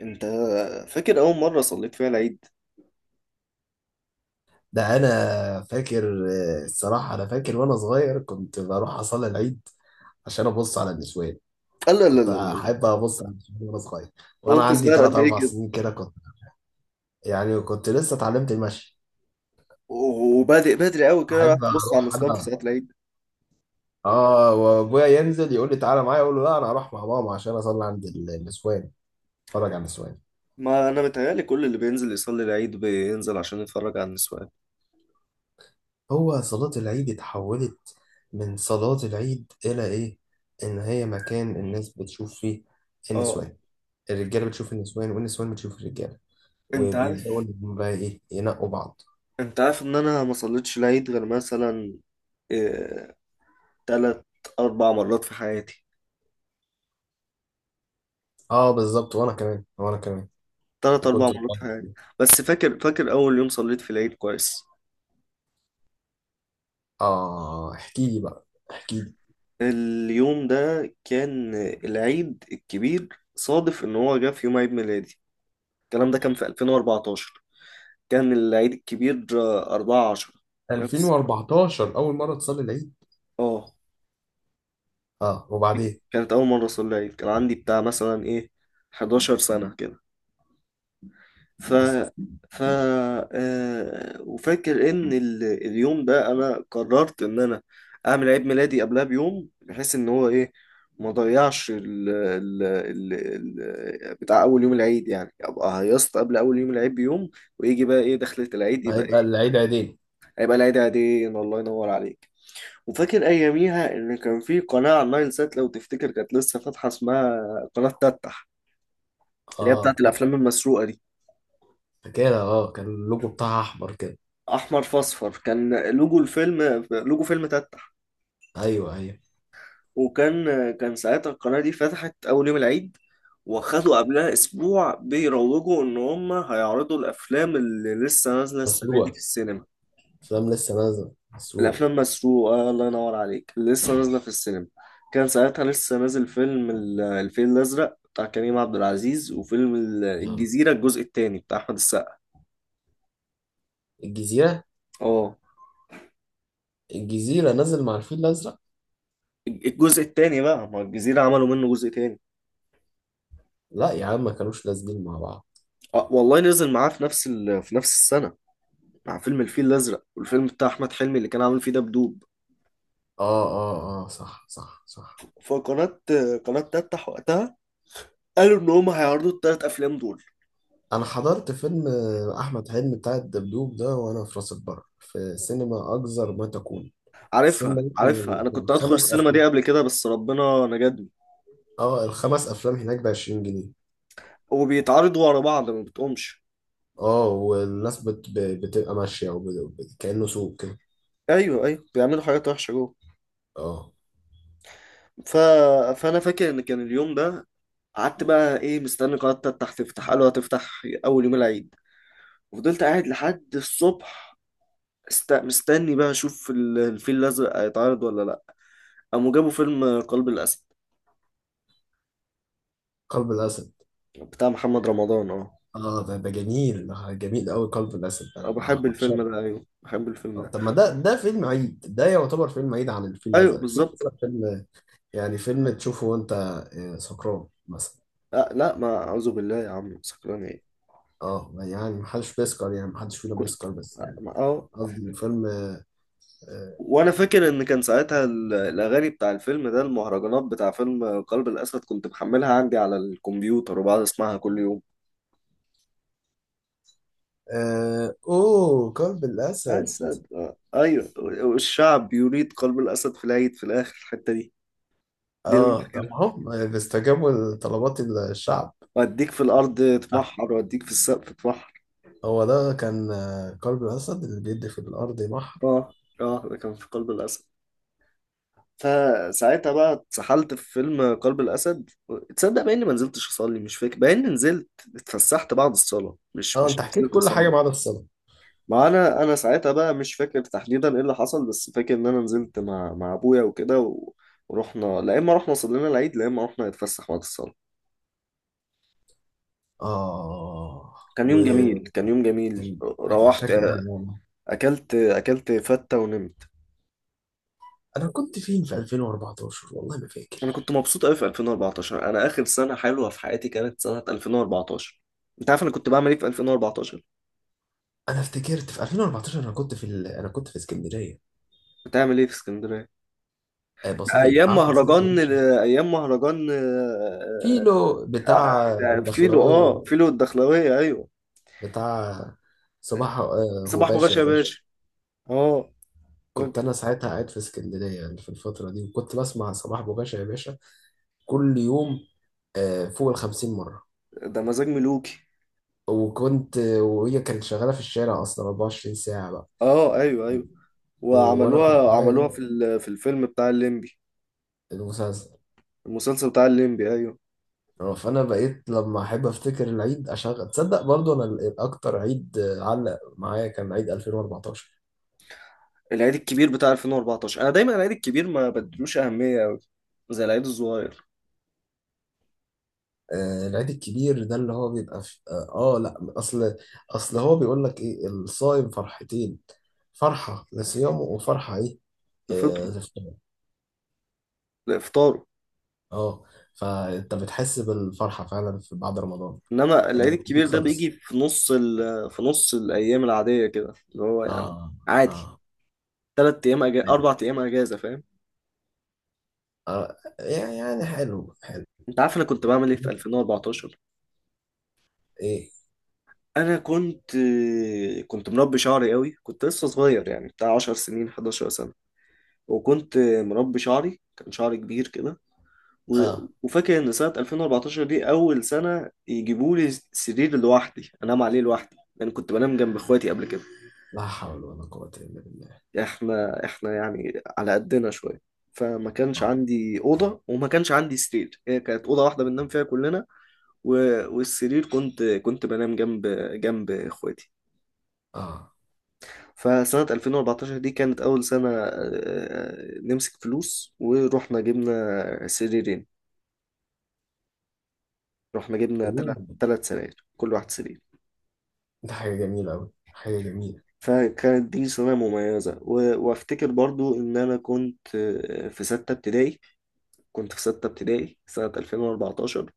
انت فاكر اول مره صليت فيها العيد؟ ده انا فاكر، الصراحه انا فاكر وانا صغير كنت بروح اصلي العيد عشان ابص على النسوان. لا، لا، لا، كنت لا، لا. احب ابص على النسوان وانا صغير، وانا وانت عندي صغير 3 قد ايه 4 كده؟ سنين كده كنت، يعني كنت لسه اتعلمت المشي. وبادئ بدري قوي كده راح احب تبص على اروح النسوان في انا. صلاه العيد؟ اه، وابويا ينزل يقول لي تعالى معايا، اقول له لا انا هروح مع ماما عشان اصلي عند النسوان، اتفرج على النسوان. ما انا متهيألي كل اللي بينزل يصلي العيد بينزل عشان يتفرج على النسوان. هو صلاه العيد اتحولت من صلاه العيد الى ايه؟ ان هي مكان الناس بتشوف فيه اه. النسوان. الرجاله بتشوف النسوان والنسوان بتشوف الرجاله، انت وبيبداوا عارف إن هم بقى ايه ينقوا بعض. انت عارف ان انا ما صليتش العيد غير مثلا إيه... تلات اربع مرات في حياتي، اه بالظبط، وانا كمان وانا كمان، تلات اربع وكنت مرات في بتفرج حياتي. فيه. بس فاكر اول يوم صليت في العيد كويس. اه احكي لي بقى، احكي لي. اليوم ده كان العيد الكبير، صادف ان هو جه في يوم عيد ميلادي. الكلام ده كان في 2014. كان العيد الكبير 4/10. نفس. 2014 اول مره تصلي العيد؟ اه. اه، وبعدين؟ كانت أول مرة أصلي العيد، كان عندي بتاع مثلا 11 سنة كده. ف وفاكر إن اليوم ده أنا قررت إن أنا أعمل عيد ميلادي قبلها بيوم، بحيث إن هو ما ضيعش بتاع أول يوم العيد، يعني أبقى هيصت قبل أول يوم العيد بيوم. ويجي بقى إيه دخلة العيد يبقى هيبقى إيه، العيد عيدين. هيبقى العيد عيدين. الله ينور عليك. وفاكر أياميها إن كان في قناة على النايل سات، لو تفتكر كانت لسه فاتحة، اسمها قناة تتح، اللي هي اه بتاعت الأفلام المسروقة دي. فاكرها، اه كان اللوجو بتاعها احمر كده. أحمر في أصفر، كان لوجو الفيلم، لوجو فيلم تتح. ايوه ايوه. وكان كان ساعتها القناة دي فتحت أول يوم العيد، وخدوا قبلها أسبوع بيروجوا إن هم هيعرضوا الأفلام اللي لسه نازلة السنة دي مسروقه، في السينما. افلام لسه نازله مسروقه. الافلام مسروقه، الله ينور عليك، اللي لسه نازله في السينما. كان ساعتها لسه نازل فيلم الفيل الازرق بتاع كريم عبد العزيز، وفيلم ال- اه الجزيره الجزء الثاني بتاع احمد السقا. الجزيره. اه. الجزيره نزل مع الفيل الازرق؟ الجزء الثاني بقى، ما الجزيره عملوا منه جزء ثاني. لا يا عم ما كانوش نازلين مع بعض. آه والله نزل معاه في نفس السنه، مع فيلم الفيل الازرق، والفيلم بتاع احمد حلمي اللي كان عامل فيه دبدوب. اه اه اه، صح صح صح. فقناه تفتح وقتها، قالوا ان هم هيعرضوا الثلاث افلام دول. انا حضرت فيلم احمد حلمي بتاع الدبدوب ده وانا في راس البر في سينما اجزر ما تكون. عارفها، السينما دي كان عارفها، انا كنت هدخل الخمس السينما افلام، دي قبل كده بس ربنا نجدني. اه الخمس افلام هناك ب 20 جنيه. وبيتعارضوا ورا بعض ما بتقومش. اه، والناس بتبقى ماشيه كانه سوق كده. ايوه، ايوه، بيعملوا حاجات وحشه جوه. اه ف... فانا فاكر ان كان اليوم ده، قعدت بقى ايه مستني قناه تفتح، تفتح، قالوا هتفتح اول يوم العيد، وفضلت قاعد لحد الصبح مستني بقى اشوف الفيل الازرق هيتعرض ولا لا. قاموا جابوا فيلم قلب الاسد قلب الاسد. بتاع محمد رمضان، اه. اه ده جميل، ده جميل قوي، قلب الاسد أه، انا بحب الفيلم بعشقه. ده، ايوه بحب الفيلم آه، ده. طب ما ده فيلم عيد، ده يعتبر فيلم عيد. عن الفيل ايوه الازرق، الفيل بالظبط. الازرق فيلم، يعني فيلم تشوفه وانت سكران مثلا. أه، لا، ما اعوذ بالله يا عم، سكران ايه؟ اه يعني محدش بيسكر، يعني محدش فينا كنت، بيسكر، بس يعني اه. قصدي فيلم. آه وانا فاكر ان كان ساعتها الاغاني بتاع الفيلم ده، المهرجانات بتاع فيلم قلب الاسد، كنت محملها عندي على الكمبيوتر وبقعد اسمعها كل يوم. اوه قلب الاسد. اسد، ايوه والشعب يريد قلب الاسد في العيد، في الاخر الحته دي، دي اللي أنا اه طب فاكرها. هم بيستجابوا لطلبات الشعب؟ واديك في الارض آه. تمحر، واديك في السقف تمحر. هو ده كان قلب الاسد اللي بيدي في الارض بحر. اه، اه، ده كان في قلب الاسد. فساعتها بقى اتسحلت في فيلم قلب الاسد. تصدق بقى اني ما نزلتش اصلي؟ مش فاكر بقى اني نزلت. اتفسحت بعد الصلاه، مش اه مش انت حكيت نزلت كل حاجه ما اصلي. عدا الصلاه. ما انا ساعتها بقى مش فاكر تحديدا ايه اللي حصل، بس فاكر ان انا نزلت مع ابويا وكده ورحنا، لا اما رحنا صلينا العيد، لا اما رحنا نتفسح بعد الصلاه. اه كان يوم وكان جميل، كان يوم جميل، روحت، شكل والله. اكلت فته ونمت. انا كنت فين في 2014 والله ما انا فاكر. كنت مبسوط قوي في 2014. انا اخر سنه حلوه في حياتي كانت سنه 2014. انت عارف انا كنت بعمل ايه في 2014؟ انا افتكرت في 2014 انا كنت في اسكندريه. بتعمل ايه في اسكندريه؟ بصيف، ايام قعدت بصيف. مهرجان، ايام مهرجان، كيلو آه، بتاع آه، آه، فيلو الدخلوية، اه فيلو الدخلاويه، ايوه. وبتاع صباح صباح غباشة بغش يا يا باشا. باشا. اه. كنت أنا- أنا ساعتها قاعد في اسكندرية يعني في الفترة دي، وكنت بسمع صباح غباشة يا باشا كل يوم فوق الخمسين مرة. ده مزاج ملوكي. وهي كانت شغالة في الشارع أصلا 24 ساعة بقى، اه، ايوه، ايوه. وأنا كنت وعملوها، عملوها نايم. في الفيلم بتاع الليمبي، المسلسل. المسلسل بتاع الليمبي، ايوه. فأنا بقيت لما أحب أفتكر العيد أشغل، تصدق برضو أنا الأكتر عيد علق معايا كان عيد 2014. العيد الكبير بتاع 2014، انا دايما العيد الكبير ما بدلوش اهميه قوي زي العيد الصغير. آه، العيد الكبير ده اللي هو بيبقى في لا، اصل هو بيقول لك ايه؟ الصائم فرحتين، فرحة لصيامه وفرحة ايه؟ آه لفطره لفطوره. لافطاره. اه فانت بتحس بالفرحة فعلا في بعد رمضان، انما العيد الكبير انك ده بيجي خلص. في نص الايام العاديه كده اللي هو يعني اه عادي، اه طيب. اربع ايام اجازه فاهم. اه يعني حلو حلو. انت عارف انا كنت بعمل ايه في 2014؟ ايه؟ انا كنت مربي شعري قوي، كنت لسه صغير يعني بتاع 10 سنين، 11 سنة، وكنت مربي شعري، كان شعري كبير كده و- اه وفاكر ان سنة 2014 دي اول سنة يجيبوا لي سرير لوحدي انام عليه لوحدي، لان كنت بنام جنب اخواتي قبل كده. لا حول ولا قوة الا بالله. احنا يعني على قدنا شوية، فما كانش اه عندي أوضة وما كانش عندي سرير، هي كانت أوضة واحدة بننام فيها كلنا. و... والسرير كنت بنام جنب إخواتي. اه فسنة 2014 دي كانت أول سنة نمسك فلوس ورحنا جبنا سريرين، رحنا جبنا أوه. تلات سراير، كل واحد سرير. ده حاجة جميلة أوي، حاجة جميلة. فكانت دي سنة مميزة وأفتكر برضو إن أنا كنت في ستة ابتدائي، كنت في ستة ابتدائي سنة 2014،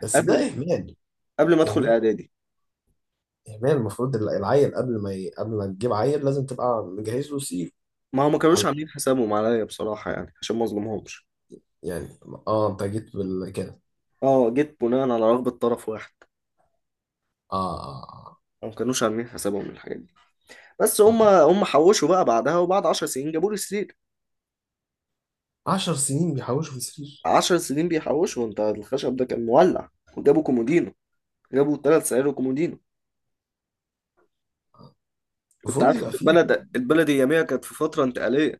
بس ده قبل إهمال، قبل ما أدخل إهمال. إعدادي. هي المفروض العيل، قبل ما تجيب عيل لازم تبقى مجهز له سيف. ما هم ما كانوش على، عاملين حسابهم عليا بصراحة، يعني عشان ما أظلمهمش. يعني، اه انت جيت بال كده. اه، جيت بناء على رغبة طرف واحد. اه اه هم ما كانوش عاملين حسابهم للحاجات دي، بس اه. هم آه. هم حوشوا بقى بعدها، وبعد 10 سنين جابوا لي سرير. 10 سنين بيحوشوا في سرير؟ 10 سنين بيحوشوا، انت الخشب ده كان مولع. وجابوا كومودينو، جابوا ثلاث سراير وكومودينو. انت المفروض عارف إن يبقى فيه. البلد اياميها كانت في فتره انتقاليه.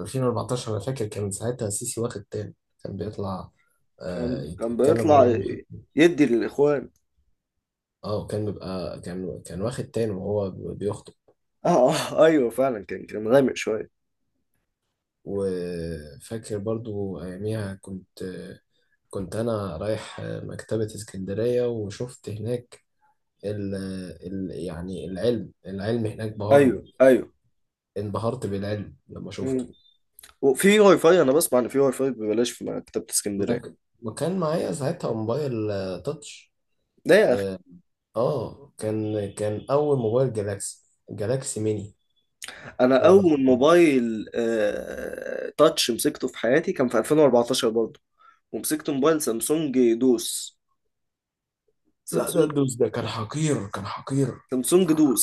2014 انا فاكر كان ساعتها سيسي واخد تاني، كان بيطلع كان يتكلم بيطلع وهو واخد. يدي للاخوان. اه وكان بيبقى، كان واخد تاني وهو بيخطب. اه، اه، ايوه فعلا كان غامق شويه. وفاكر برضو اياميها كنت انا رايح مكتبة اسكندرية وشفت هناك ال ال يعني العلم، العلم هناك بهرني. ايوه، ايوه. انبهرت بالعلم لما شفته. مم. وفي واي فاي، انا بسمع ان في واي فاي ببلاش في مكتبه ما اسكندريه. ك- ما كان معايا ساعتها موبايل تاتش. ده يا اخي. اه كان اول موبايل جالاكسي. جالاكسي ميني انا هو اول صغير. موبايل تاتش مسكته في حياتي كان في 2014 برضه. ومسكت موبايل سامسونج دوس، لا ده سامسونج الدوس ده كان حقير، كان حقير. سامسونج دوس.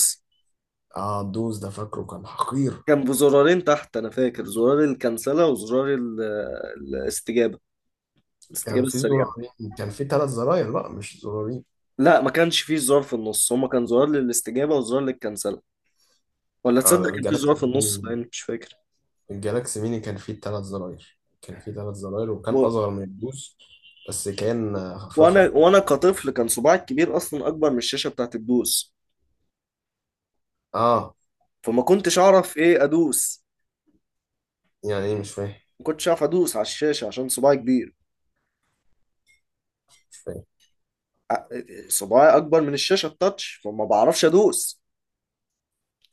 اه الدوس ده فاكره كان حقير. كان بزرارين تحت، انا فاكر زرار الكنسله وزرار الاستجابه كان الاستجابه في السريعه. زرارين، كان في ثلاث زراير، لا مش زرارين. لا، ما كانش فيه زرار في النص، هما كان زرار للاستجابه وزرار للكنسله. ولا اه تصدق لا، كان فيه زرار جالاكسي في النص ميني، لان مش فاكر. الجالاكسي ميني كان فيه تلات زراير، كان فيه تلات زراير، وكان و... أصغر من الدوس. بس كان وانا فخم. وانا كطفل كان صباعي الكبير اصلا اكبر من الشاشه بتاعت الدوس. اه فما كنتش اعرف ايه ادوس. يعني ايه؟ مش فاهم، ما كنتش اعرف ادوس على الشاشه عشان صباعي كبير. مش فاهم. ع- صباعي اكبر من الشاشه التاتش، فما بعرفش ادوس.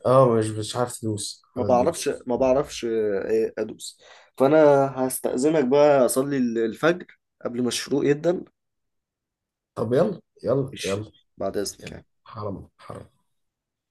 اه مش عارف تدوس ما على بعرفش الدوس. ما بعرفش ادوس. فانا هستأذنك بقى اصلي الفجر قبل ما الشروق يبدأ. طب يلا يلا ماشي، يلا. بعد اذنك يلا، يعني. حرام حرام.